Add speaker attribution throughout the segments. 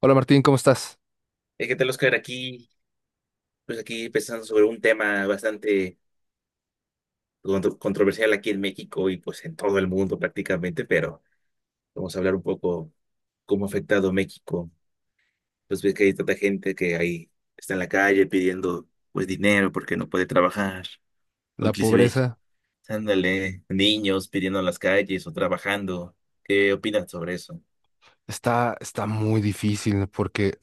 Speaker 1: Hola Martín, ¿cómo estás?
Speaker 2: ¿Qué tal, Oscar? Aquí, pues aquí pensando sobre un tema bastante controversial aquí en México y pues en todo el mundo prácticamente, pero vamos a hablar un poco cómo ha afectado México. Pues ves que hay tanta gente que ahí está en la calle pidiendo pues dinero porque no puede trabajar, o
Speaker 1: La
Speaker 2: inclusive,
Speaker 1: pobreza
Speaker 2: ándale, niños pidiendo en las calles o trabajando. ¿Qué opinas sobre eso?
Speaker 1: está muy difícil porque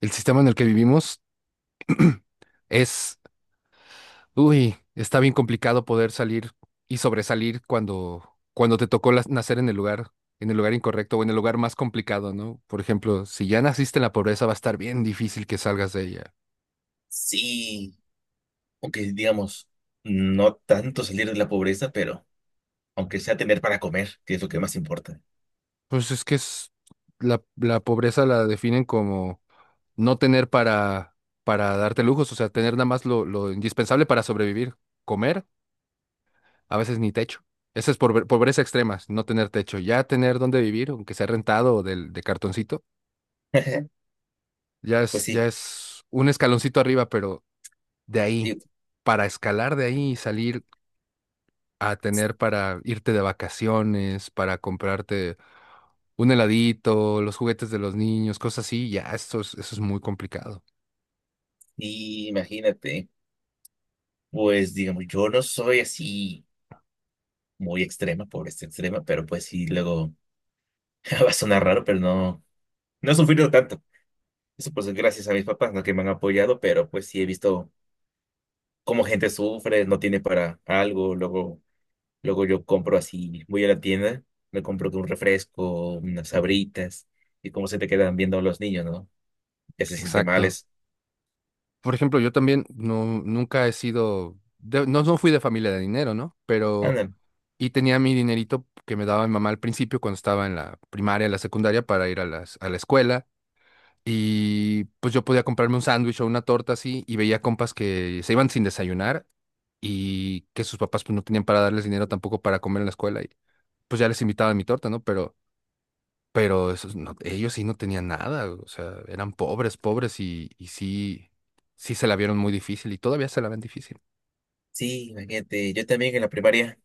Speaker 1: el sistema en el que vivimos es, uy, está bien complicado poder salir y sobresalir cuando te tocó nacer en el lugar incorrecto o en el lugar más complicado, ¿no? Por ejemplo, si ya naciste en la pobreza, va a estar bien difícil que salgas de ella.
Speaker 2: Sí, aunque digamos, no tanto salir de la pobreza, pero aunque sea tener para comer, que es lo que más importa.
Speaker 1: Pues la pobreza la definen como no tener para darte lujos, o sea, tener nada más lo indispensable para sobrevivir, comer a veces ni techo. Esa es pobreza extrema, no tener techo. Ya tener dónde vivir, aunque sea rentado o de cartoncito, ya
Speaker 2: Pues
Speaker 1: es, ya
Speaker 2: sí,
Speaker 1: es un escaloncito arriba, pero de ahí,
Speaker 2: y-
Speaker 1: para escalar de ahí y salir a tener para irte de vacaciones, para comprarte un heladito, los juguetes de los niños, cosas así, ya eso es muy complicado.
Speaker 2: y imagínate, pues digamos, yo no soy así muy extrema, pobreza extrema, pero pues sí, luego va a sonar raro, pero no, no he sufrido tanto. Eso pues es gracias a mis papás, ¿no? Que me han apoyado, pero pues sí he visto cómo gente sufre, no tiene para algo, luego yo compro así, voy a la tienda, me compro un refresco, unas sabritas, y cómo se te quedan viendo los niños, ¿no? Que se sienten
Speaker 1: Exacto.
Speaker 2: males.
Speaker 1: Por ejemplo, yo también no, nunca he sido, no, no fui de familia de dinero, ¿no? Pero
Speaker 2: Andan,
Speaker 1: y tenía mi dinerito que me daba mi mamá al principio cuando estaba en la primaria, la secundaria para ir a a la escuela. Y pues yo podía comprarme un sándwich o una torta así y veía compas que se iban sin desayunar y que sus papás pues no tenían para darles dinero tampoco para comer en la escuela y pues ya les invitaba mi torta, ¿no? Pero esos no- ellos sí no tenían nada, o sea, eran pobres, pobres y sí, sí se la vieron muy difícil y todavía se la ven difícil.
Speaker 2: sí, imagínate, yo también en la primaria.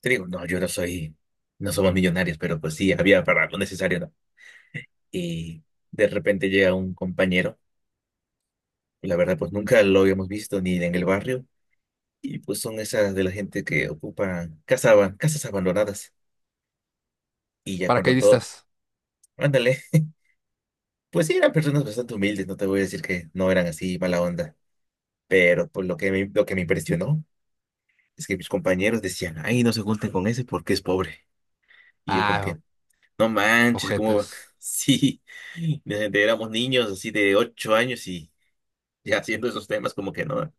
Speaker 2: Te digo, no, yo no soy, no somos millonarios, pero pues sí, había para lo necesario, ¿no? Y de repente llega un compañero, y la verdad, pues nunca lo habíamos visto ni en el barrio, y pues son esas de la gente que ocupan casa, casas abandonadas, y ya cuando todos,
Speaker 1: Paracaidistas.
Speaker 2: ándale, pues sí, eran personas bastante humildes, no te voy a decir que no eran así mala onda, pero pues lo que me impresionó es que mis compañeros decían, ay, no se junten con ese porque es pobre, y yo como
Speaker 1: Ah,
Speaker 2: que, no manches, como
Speaker 1: ojetas.
Speaker 2: sí, desde que éramos niños así de 8 años y ya haciendo esos temas como que no,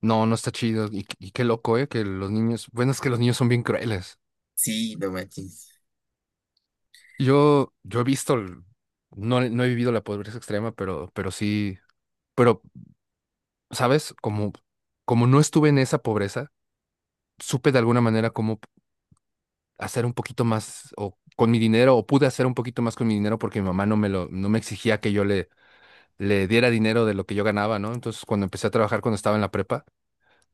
Speaker 1: No, no está chido. Y qué loco, ¿eh? Que los niños, bueno, es que los niños son bien crueles.
Speaker 2: sí, no manches,
Speaker 1: Yo he visto, no, no he vivido la pobreza extrema, pero sí, pero, ¿sabes? Como no estuve en esa pobreza, supe de alguna manera cómo hacer un poquito más o con mi dinero, o pude hacer un poquito más con mi dinero porque mi mamá no me exigía que yo le diera dinero de lo que yo ganaba, ¿no? Entonces, cuando empecé a trabajar, cuando estaba en la prepa,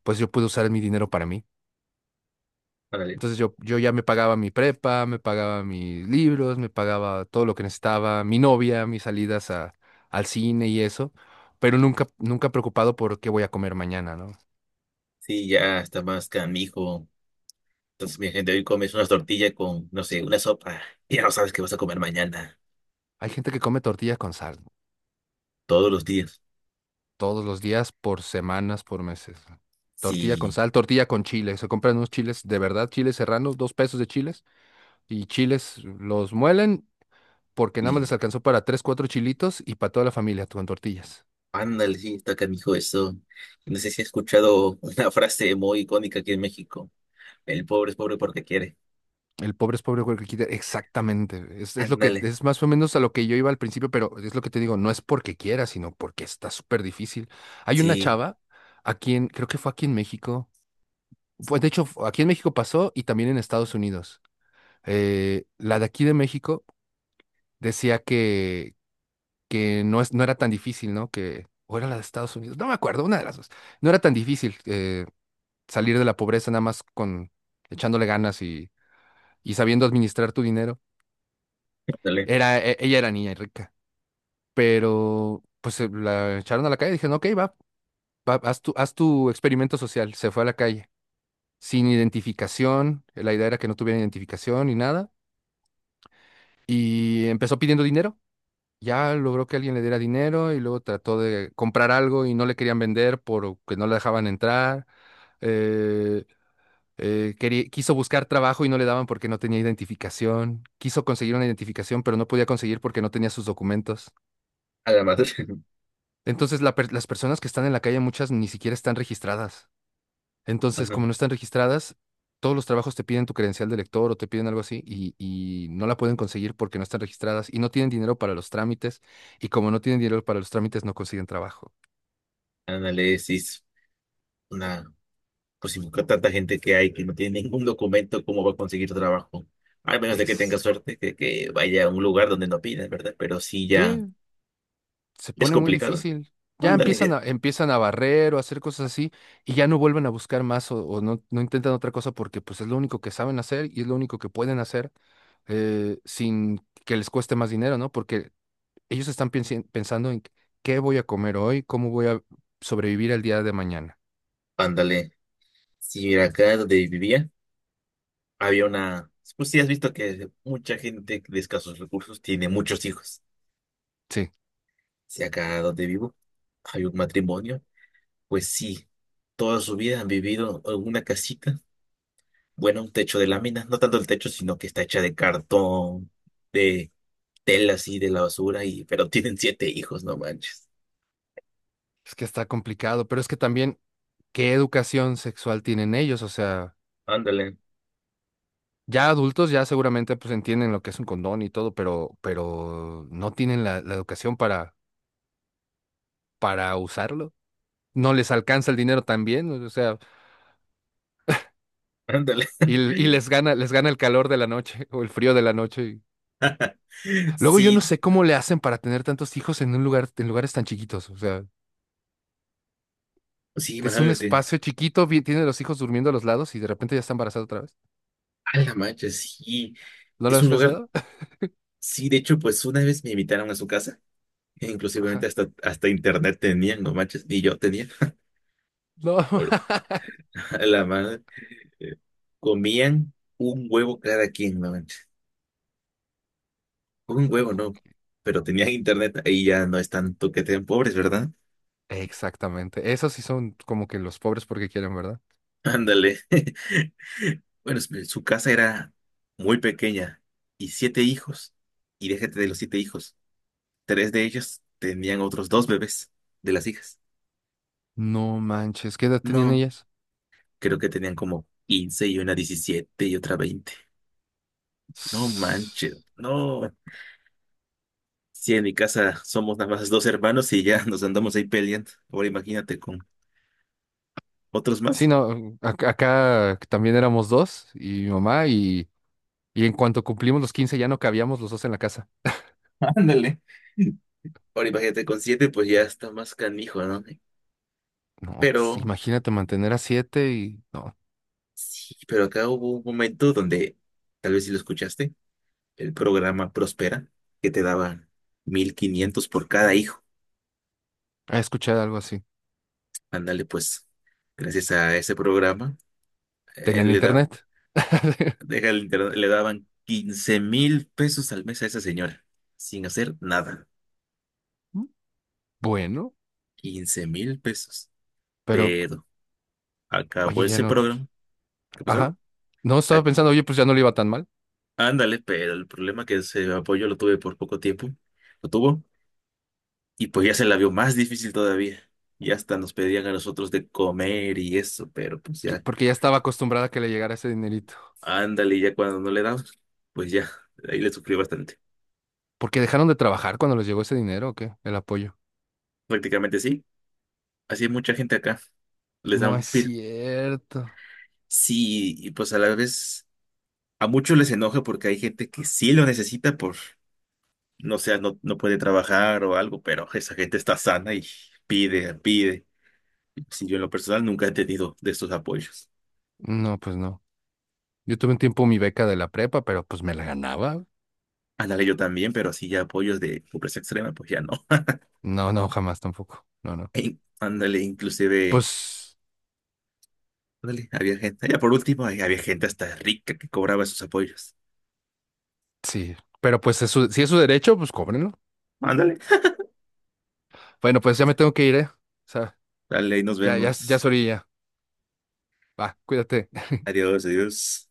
Speaker 1: pues yo pude usar mi dinero para mí.
Speaker 2: órale,
Speaker 1: Entonces yo ya me pagaba mi prepa, me pagaba mis libros, me pagaba todo lo que necesitaba, mi novia, mis salidas al cine y eso, pero nunca, nunca preocupado por qué voy a comer mañana, ¿no?
Speaker 2: sí, ya está más canijo. Entonces, mi gente, hoy comes unas tortillas con, no sé, una sopa, y ya no sabes qué vas a comer mañana,
Speaker 1: Hay gente que come tortilla con sal
Speaker 2: todos los días.
Speaker 1: todos los días, por semanas, por meses. Tortilla con
Speaker 2: Sí,
Speaker 1: sal, tortilla con chile. Se compran unos chiles, de verdad, chiles serranos, 2 pesos de chiles, y chiles los muelen porque nada más
Speaker 2: y
Speaker 1: les alcanzó para tres, cuatro chilitos y para toda la familia con tortillas.
Speaker 2: ándale, sí, está canijo eso. No sé si has escuchado una frase muy icónica aquí en México, el pobre es pobre porque quiere.
Speaker 1: El pobre es pobre porque quiere. Exactamente. Es lo que,
Speaker 2: Ándale,
Speaker 1: es más o menos a lo que yo iba al principio, pero es lo que te digo, no es porque quiera, sino porque está súper difícil. Hay una
Speaker 2: sí,
Speaker 1: chava aquí en, creo que fue aquí en México. Pues de hecho, aquí en México pasó y también en Estados Unidos. La de aquí de México decía que, no era tan difícil, ¿no? Que, o era la de Estados Unidos, no me acuerdo, una de las dos. No era tan difícil salir de la pobreza nada más con echándole ganas y sabiendo administrar tu dinero.
Speaker 2: ándale,
Speaker 1: Era, ella era niña y rica, pero pues la echaron a la calle. Dijeron, ok, va, va, haz tu experimento social. Se fue a la calle sin identificación. La idea era que no tuviera identificación ni nada. Y empezó pidiendo dinero. Ya logró que alguien le diera dinero y luego trató de comprar algo y no le querían vender porque no la dejaban entrar. Eh, quiso buscar trabajo y no le daban porque no tenía identificación. Quiso conseguir una identificación, pero no podía conseguir porque no tenía sus documentos.
Speaker 2: a la madre.
Speaker 1: Entonces, las personas que están en la calle, muchas ni siquiera están registradas. Entonces, como no están registradas, todos los trabajos te piden tu credencial de lector o te piden algo así y no la pueden conseguir porque no están registradas y no tienen dinero para los trámites. Y como no tienen dinero para los trámites, no consiguen trabajo.
Speaker 2: Análisis, una, pues si busca tanta gente que hay que no tiene ningún documento, ¿cómo va a conseguir trabajo? Al menos de que tenga
Speaker 1: Exacto.
Speaker 2: suerte, que vaya a un lugar donde no piden, ¿verdad? Pero sí ya
Speaker 1: Sí, se
Speaker 2: es
Speaker 1: pone muy
Speaker 2: complicado.
Speaker 1: difícil. Ya empiezan
Speaker 2: Ándale,
Speaker 1: empiezan a barrer o a hacer cosas así y ya no vuelven a buscar más o no, no intentan otra cosa porque pues es lo único que saben hacer y es lo único que pueden hacer sin que les cueste más dinero, ¿no? Porque ellos están pensando en qué voy a comer hoy, cómo voy a sobrevivir el día de mañana.
Speaker 2: ándale. Si mira, acá donde vivía, había una, pues sí has visto que mucha gente de escasos recursos tiene muchos hijos.
Speaker 1: Sí,
Speaker 2: Si acá donde vivo hay un matrimonio, pues sí, toda su vida han vivido en una casita. Bueno, un techo de láminas, no tanto el techo, sino que está hecha de cartón, de tela así de la basura, y, pero tienen siete hijos, no manches.
Speaker 1: es que está complicado, pero es que también, ¿qué educación sexual tienen ellos? O sea,
Speaker 2: Ándale,
Speaker 1: ya adultos ya seguramente pues entienden lo que es un condón y todo, pero no tienen la educación para usarlo. No les alcanza el dinero también, o sea,
Speaker 2: ándale.
Speaker 1: y les gana, les gana el calor de la noche o el frío de la noche. Y- Luego yo no
Speaker 2: Sí,
Speaker 1: sé cómo le hacen para tener tantos hijos en un lugar, en lugares tan chiquitos. O sea,
Speaker 2: sí,
Speaker 1: es un
Speaker 2: imagínate.
Speaker 1: espacio chiquito, bien- tiene los hijos durmiendo a los lados y de repente ya está embarazada otra vez.
Speaker 2: A la mancha, sí.
Speaker 1: ¿No lo
Speaker 2: Es
Speaker 1: has
Speaker 2: un lugar,
Speaker 1: pensado?
Speaker 2: sí, de hecho, pues una vez me invitaron a su casa, e inclusivemente
Speaker 1: Ajá.
Speaker 2: hasta internet tenían, no manches, ni yo tenía.
Speaker 1: No.
Speaker 2: Ahora, a la madre, eh, comían un huevo cada quien, no manches. Un huevo, no. Pero tenían internet, ahí ya no es tanto que te den pobres, ¿verdad?
Speaker 1: Exactamente. Esos sí son como que los pobres porque quieren, ¿verdad?
Speaker 2: Ándale. Bueno, su casa era muy pequeña y siete hijos. Y déjate de los siete hijos. Tres de ellos tenían otros dos bebés de las hijas.
Speaker 1: No manches, ¿qué edad tenían
Speaker 2: No,
Speaker 1: ellas?
Speaker 2: creo que tenían como 15 y una 17 y otra 20. No manches,
Speaker 1: Sí,
Speaker 2: no. Si en mi casa somos nada más dos hermanos y ya nos andamos ahí peleando. Ahora imagínate con otros más.
Speaker 1: no, acá también éramos dos y mi mamá y en cuanto cumplimos los 15 ya no cabíamos los dos en la casa.
Speaker 2: Ándale. Ahora imagínate con siete, pues ya está más canijo, ¿no?
Speaker 1: No,
Speaker 2: Pero,
Speaker 1: imagínate mantener a siete y no,
Speaker 2: sí, pero acá hubo un momento donde, tal vez si lo escuchaste, el programa Prospera, que te daban 1,500 por cada hijo.
Speaker 1: he escuchado algo así.
Speaker 2: Ándale, pues, gracias a ese programa, eh,
Speaker 1: ¿Tenían
Speaker 2: le da,
Speaker 1: internet?
Speaker 2: deja el internet, le daban $15,000 al mes a esa señora, sin hacer nada.
Speaker 1: Bueno,
Speaker 2: $15,000.
Speaker 1: pero
Speaker 2: Pero
Speaker 1: oye,
Speaker 2: acabó
Speaker 1: ya
Speaker 2: ese
Speaker 1: no,
Speaker 2: programa. ¿Qué pasó?
Speaker 1: Ajá. No, estaba pensando, oye, pues ya no le iba tan mal,
Speaker 2: Ándale, pero el problema es que ese apoyo lo tuve por poco tiempo, lo tuvo, y pues ya se la vio más difícil todavía. Y hasta nos pedían a nosotros de comer y eso, pero pues ya,
Speaker 1: porque ya estaba acostumbrada a que le llegara ese dinerito.
Speaker 2: ándale, ya cuando no le damos, pues ya, ahí le sufrió bastante.
Speaker 1: Porque dejaron de trabajar cuando les llegó ese dinero, ¿o qué? El apoyo.
Speaker 2: Prácticamente sí, así hay mucha gente acá, les
Speaker 1: No es
Speaker 2: dan pir.
Speaker 1: cierto.
Speaker 2: Sí, y pues a la vez, a muchos les enoja porque hay gente que sí lo necesita por, no sé, no, no puede trabajar o algo, pero esa gente está sana y pide, pide. Sí, yo en lo personal nunca he tenido de estos apoyos.
Speaker 1: No, pues no. Yo tuve un tiempo mi beca de la prepa, pero pues me la ganaba.
Speaker 2: Ándale, yo también, pero así ya apoyos de pobreza extrema, pues ya no.
Speaker 1: No, no, jamás tampoco. No, no.
Speaker 2: Ey, ándale, inclusive,
Speaker 1: Pues
Speaker 2: ándale, había gente, ya por último, ahí había gente hasta rica que cobraba esos apoyos.
Speaker 1: sí, pero pues si es su derecho, pues cóbrenlo.
Speaker 2: Ándale.
Speaker 1: Bueno, pues ya me tengo que ir, ¿eh? O sea,
Speaker 2: Dale, ahí nos
Speaker 1: ya, ya, ya es
Speaker 2: vemos.
Speaker 1: orilla. Va, cuídate.
Speaker 2: Adiós, adiós.